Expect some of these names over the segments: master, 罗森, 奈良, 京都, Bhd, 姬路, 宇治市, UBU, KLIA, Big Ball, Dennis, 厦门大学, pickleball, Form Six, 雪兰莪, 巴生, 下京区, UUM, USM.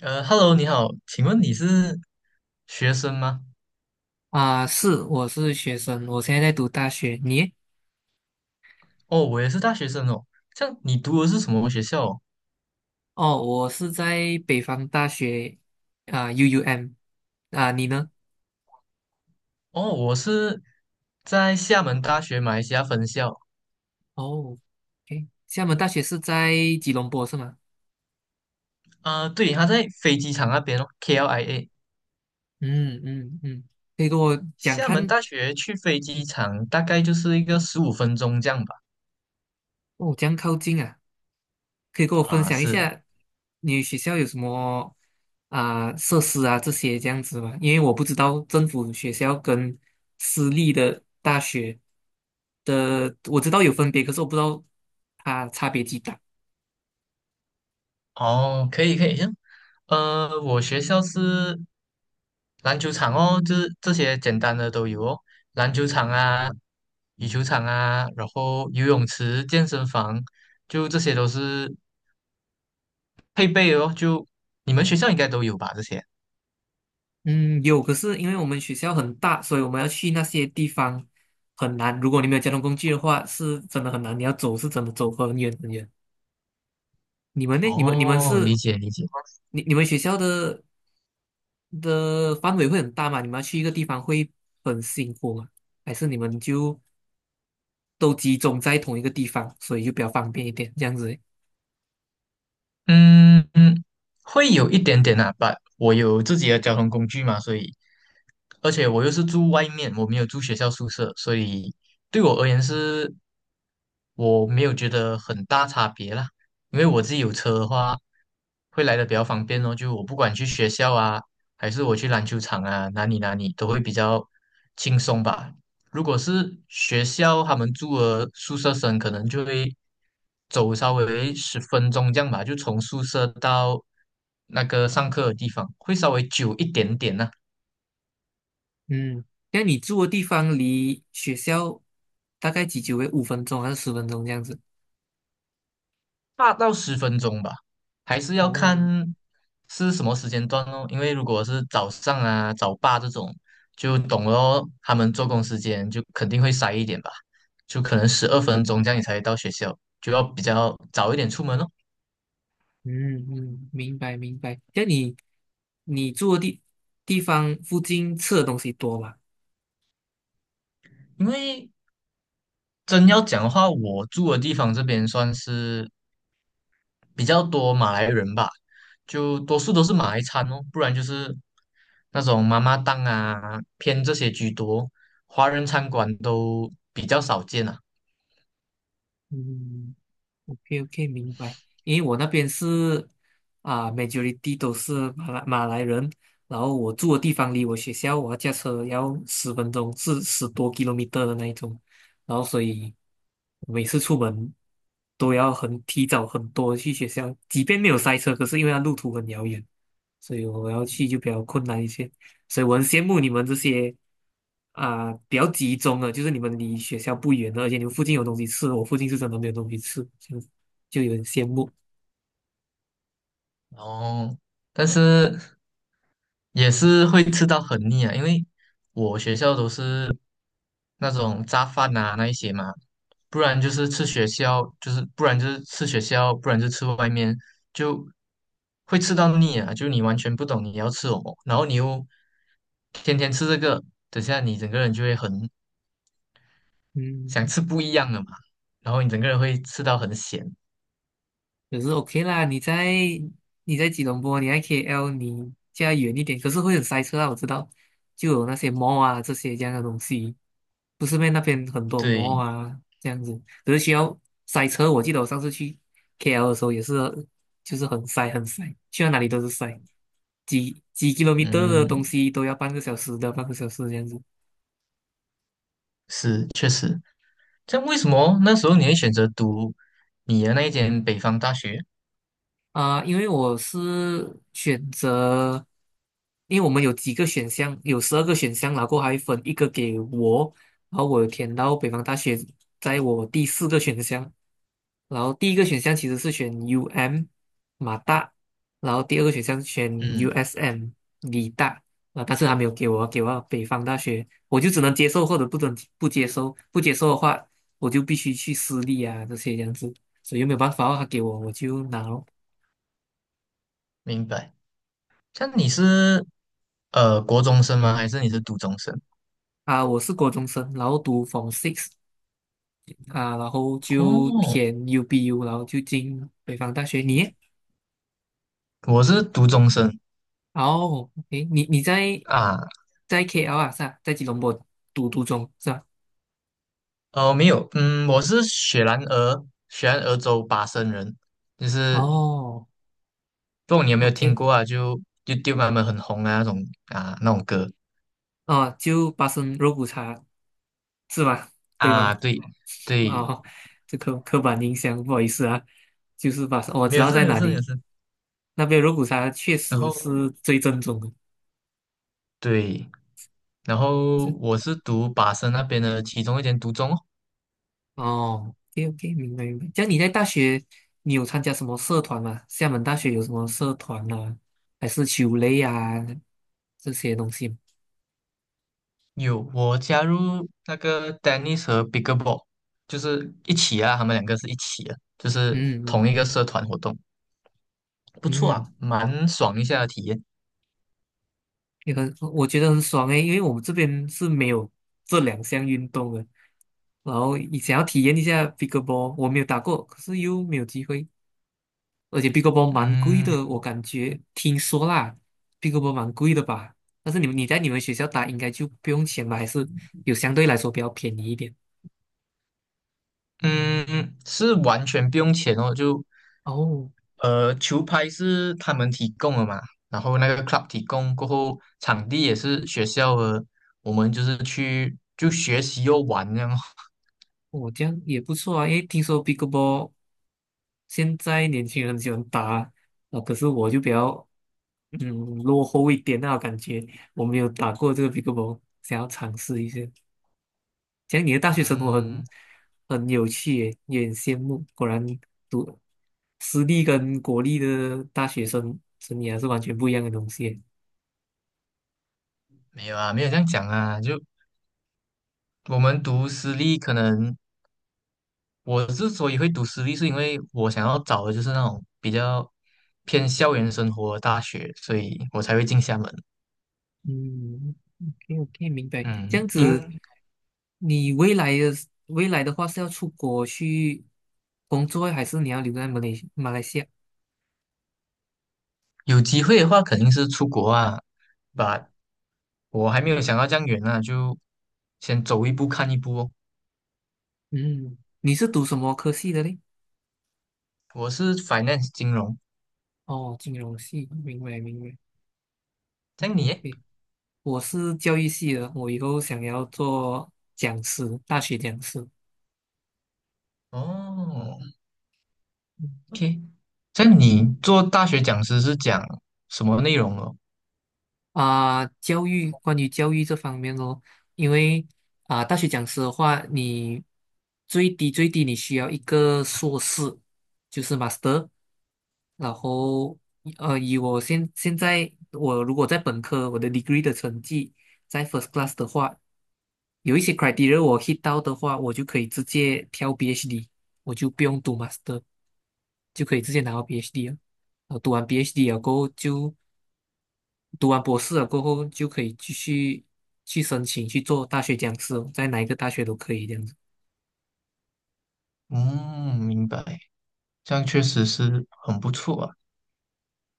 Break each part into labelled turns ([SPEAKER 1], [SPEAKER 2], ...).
[SPEAKER 1] Hello，你好，请问你是学生吗？
[SPEAKER 2] 啊，是，我是学生，我现在在读大学。你？
[SPEAKER 1] 哦，我也是大学生哦。这样你读的是什么学校哦？
[SPEAKER 2] 哦，我是在北方大学啊，UUM。啊，你呢？
[SPEAKER 1] 哦我是在厦门大学马来西亚分校。
[SPEAKER 2] 哦，OK，厦门大学是在吉隆坡是吗？
[SPEAKER 1] 啊、对，他在飞机场那边哦，KLIA。
[SPEAKER 2] 嗯嗯嗯，可以跟我讲
[SPEAKER 1] 厦门
[SPEAKER 2] 看。
[SPEAKER 1] 大学去飞机
[SPEAKER 2] 嗯。
[SPEAKER 1] 场大概就是一个15分钟这样吧。
[SPEAKER 2] 哦，这样靠近啊。可以跟我分
[SPEAKER 1] 啊、
[SPEAKER 2] 享一
[SPEAKER 1] 是。
[SPEAKER 2] 下你学校有什么啊、设施啊这些这样子吗？因为我不知道政府学校跟私立的大学的，我知道有分别，可是我不知道它差别几大。
[SPEAKER 1] 哦，可以可以，行，我学校是篮球场哦，这些简单的都有哦，篮球场啊、羽球场啊，然后游泳池、健身房，就这些都是配备哦。就你们学校应该都有吧？这些
[SPEAKER 2] 嗯，有，可是因为我们学校很大，所以我们要去那些地方很难。如果你没有交通工具的话，是真的很难。你要走是真的走很远很远。你们呢？
[SPEAKER 1] 哦，理解理解。
[SPEAKER 2] 你们学校的范围会很大嘛？你们要去一个地方会很辛苦吗？还是你们就都集中在同一个地方，所以就比较方便一点这样子？
[SPEAKER 1] 嗯嗯，会有一点点啊，把我有自己的交通工具嘛，所以，而且我又是住外面，我没有住学校宿舍，所以对我而言是，我没有觉得很大差别啦，因为我自己有车的话，会来的比较方便哦，就我不管去学校啊，还是我去篮球场啊，哪里哪里都会比较轻松吧，如果是学校他们住的宿舍生，可能就会走稍微十分钟这样吧，就从宿舍到那个上课的地方，会稍微久一点点呢、
[SPEAKER 2] 嗯，那你住的地方离学校大概几久诶？5分钟还是十分钟这样子？
[SPEAKER 1] 8到10分钟吧，还是要看
[SPEAKER 2] 哦，
[SPEAKER 1] 是什么时间段哦。因为如果是早上啊、早八这种，就懂了哦，他们做工时间就肯定会塞一点吧，就可能12分钟这样你才到学校，就要比较早一点出门哦。
[SPEAKER 2] 嗯嗯，明白明白。那你住的地方附近吃的东西多吗？
[SPEAKER 1] 因为真要讲的话，我住的地方这边算是比较多马来人吧，就多数都是马来餐哦，不然就是那种妈妈档啊，偏这些居多，华人餐馆都比较少见啊。
[SPEAKER 2] 嗯。OK OK，明白。因为我那边是啊，majority 都是马来人，然后我住的地方离我学校，我要驾车要十分钟，是10多 kilometer 的那一种，然后所以每次出门都要很提早很多去学校，即便没有塞车，可是因为它路途很遥远，所以我要去就比较困难一些。所以我很羡慕你们这些啊、比较集中的，就是你们离学校不远的，而且你们附近有东西吃，我附近是真的没有东西吃，这样子就有点羡慕。
[SPEAKER 1] 然后，但是也是会吃到很腻啊，因为我学校都是那种炸饭啊那一些嘛，不然就是吃学校，就是不然就是吃学校，不然就吃外面，就会吃到腻啊！就你完全不懂你要吃什么，然后你又天天吃这个，等下你整个人就会很
[SPEAKER 2] 嗯，
[SPEAKER 1] 想吃不一样的嘛，然后你整个人会吃到很咸。
[SPEAKER 2] 可是 OK 啦，你在吉隆坡，你在 KL，你家远一点，可是会很塞车啊，我知道，就有那些 mall 啊这些这样的东西，不是咩？那边很多 mall
[SPEAKER 1] 对，
[SPEAKER 2] 啊这样子，可是需要塞车。我记得我上次去 KL 的时候也是，就是很塞很塞，去到哪里都是塞，几 kilometer 的
[SPEAKER 1] 嗯，
[SPEAKER 2] 东西都要半个小时的，半个小时这样子。
[SPEAKER 1] 是，确实。这样为什么那时候你会选择读你的那一间北方大学？
[SPEAKER 2] 啊、因为我是选择，因为我们有几个选项，有12个选项，然后还分一个给我，然后我填到北方大学，在我第四个选项，然后第一个选项其实是选 UM 马大，然后第二个选项选
[SPEAKER 1] 嗯，
[SPEAKER 2] USM 理大，啊、但是他没有给我，给我北方大学，我就只能接受或者不准不接受，不接受的话，我就必须去私立啊这些这样子，所以又没有办法哦，他给我我就拿咯。
[SPEAKER 1] 明白。像你是国中生吗？还是你是读中生？
[SPEAKER 2] 啊，我是国中生，然后读 Form Six 啊，然后就
[SPEAKER 1] 哦，
[SPEAKER 2] 填 UBU，然后就进北方大学。你呢？
[SPEAKER 1] 我是读中生
[SPEAKER 2] 哦，诶，你在
[SPEAKER 1] 啊，
[SPEAKER 2] 在 KL 啊，是吧？在吉隆坡读中是吧？
[SPEAKER 1] 哦没有，嗯，我是雪兰莪，雪兰莪州巴生人，就是
[SPEAKER 2] 哦
[SPEAKER 1] 不懂你有没有
[SPEAKER 2] ，OK。
[SPEAKER 1] 听过啊？就 y 丢 u t 他们很红啊那种啊那种歌
[SPEAKER 2] 哦，就巴生肉骨茶是吧？对吗？
[SPEAKER 1] 啊，对对，
[SPEAKER 2] 哦，这刻板印象，不好意思啊，就是巴生，我
[SPEAKER 1] 没
[SPEAKER 2] 知
[SPEAKER 1] 有
[SPEAKER 2] 道
[SPEAKER 1] 事
[SPEAKER 2] 在
[SPEAKER 1] 没有
[SPEAKER 2] 哪
[SPEAKER 1] 事没
[SPEAKER 2] 里，
[SPEAKER 1] 有事。
[SPEAKER 2] 那边肉骨茶确
[SPEAKER 1] 然
[SPEAKER 2] 实
[SPEAKER 1] 后
[SPEAKER 2] 是最正宗的。
[SPEAKER 1] 对，然后我是读巴生那边的其中一间读中哦
[SPEAKER 2] 哦，OK OK，明白明白。这样你在大学，你有参加什么社团吗？厦门大学有什么社团啊？还是球类啊这些东西？
[SPEAKER 1] 有我加入那个 Dennis 和 Big Ball，就是一起啊，他们两个是一起的，就是
[SPEAKER 2] 嗯
[SPEAKER 1] 同一个社团活动。不
[SPEAKER 2] 嗯
[SPEAKER 1] 错
[SPEAKER 2] 嗯，
[SPEAKER 1] 啊，蛮爽一下的体验。
[SPEAKER 2] 也很，我觉得很爽诶，因为我们这边是没有这2项运动的。然后你想要体验一下 pickleball，我没有打过，可是又没有机会，而且 pickleball 蛮贵
[SPEAKER 1] 嗯
[SPEAKER 2] 的，我感觉听说啦，pickleball 蛮贵的吧？但是你在你们学校打应该就不用钱吧？还是有相对来说比较便宜一点？
[SPEAKER 1] 嗯，是完全不用钱哦，就
[SPEAKER 2] 哦，
[SPEAKER 1] 球拍是他们提供的嘛，然后那个 club 提供过后，场地也是学校的，我们就是去就学习又玩这样哦
[SPEAKER 2] 我这样也不错啊，因为听说 p i c b a l l 现在年轻人很喜欢打，啊，啊可是我就比较嗯落后一点那感觉，我没有打过这个 p i c b a l l 想要尝试一下。这样你的大学生活很
[SPEAKER 1] 嗯，
[SPEAKER 2] 很有趣耶，有点羡慕。果然读私立跟国立的大学生涯是完全不一样的东西耶。
[SPEAKER 1] 没有啊，没有这样讲啊，就我们读私立，可能我之所以会读私立，是因为我想要找的就是那种比较偏校园生活的大学，所以我才会进厦门。
[SPEAKER 2] 嗯，OK OK，明白。这样
[SPEAKER 1] 嗯，
[SPEAKER 2] 子，你未来的话是要出国去工作，还是你要留在马来西亚？
[SPEAKER 1] 有机会的话肯定是出国啊，but 我还没有想到这样远呢，就先走一步看一步哦。
[SPEAKER 2] 嗯，你是读什么科系的嘞？
[SPEAKER 1] 我是 finance 金融，
[SPEAKER 2] 哦，金融系，明白明白。
[SPEAKER 1] 这样
[SPEAKER 2] OK
[SPEAKER 1] 你耶？
[SPEAKER 2] OK，我是教育系的，我以后想要做讲师，大学讲师。
[SPEAKER 1] 哦
[SPEAKER 2] 嗯。
[SPEAKER 1] ，OK，这样你做大学讲师是讲什么内容哦？
[SPEAKER 2] 啊、关于教育这方面哦，因为啊、大学讲师的话，你最低最低你需要一个硕士，就是 master，然后以我现在我如果在本科我的 degree 的成绩在 first class 的话，有一些 criteria 我 hit 到的话，我就可以直接跳 B h d。 我就不用读 master，就可以直接拿到 B h d 了。然后读完 B h d 了过后就读完博士了过后，就可以继续去申请去做大学讲师哦，在哪一个大学都可以这样子。
[SPEAKER 1] 嗯，明白，这样确实是很不错啊。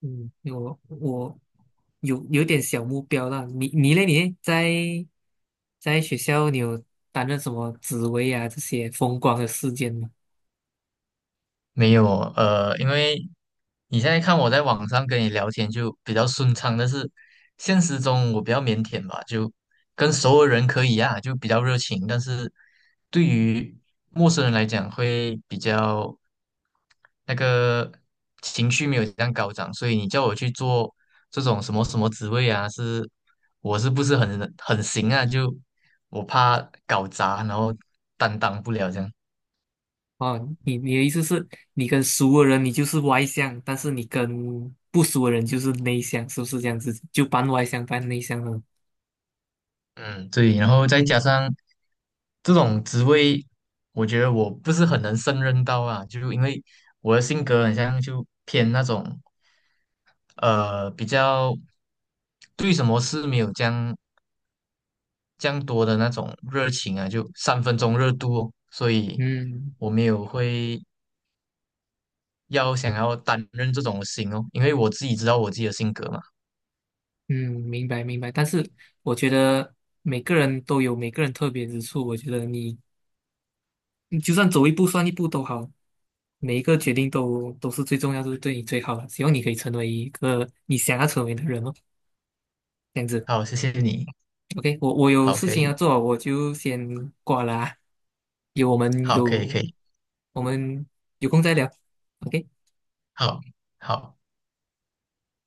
[SPEAKER 2] 嗯，因为我有点小目标了。你嘞在学校你有担任什么职位啊？这些风光的事件吗？
[SPEAKER 1] 没有因为你现在看我在网上跟你聊天就比较顺畅，但是现实中我比较腼腆吧，就跟熟的人可以啊，就比较热情，但是对于陌生人来讲会比较那个情绪没有这样高涨，所以你叫我去做这种什么什么职位啊，是我是不是很行啊？就我怕搞砸，然后担当不了这样。
[SPEAKER 2] 哦，你的意思是，你跟熟的人你就是外向，但是你跟不熟的人就是内向，是不是这样子？就半外向半内向了。
[SPEAKER 1] 嗯，对，然后再加上这种职位，我觉得我不是很能胜任到啊，就因为我的性格很像就偏那种比较对什么事没有这样多的那种热情啊，就三分钟热度哦，所以
[SPEAKER 2] 嗯
[SPEAKER 1] 我没有会要想要担任这种心哦，因为我自己知道我自己的性格嘛。
[SPEAKER 2] 嗯，明白明白，但是我觉得每个人都有每个人特别之处。我觉得你就算走一步算一步都好，每一个决定都是最重要，都是对你最好的。希望你可以成为一个你想要成为的人哦，这样子。
[SPEAKER 1] 好，谢谢你，
[SPEAKER 2] OK，我有
[SPEAKER 1] 好，
[SPEAKER 2] 事
[SPEAKER 1] 可
[SPEAKER 2] 情要
[SPEAKER 1] 以，
[SPEAKER 2] 做，我就先挂了啊。有我们
[SPEAKER 1] 好，可以，
[SPEAKER 2] 有
[SPEAKER 1] 可以，
[SPEAKER 2] 我们有空再聊。OK。
[SPEAKER 1] 好，好。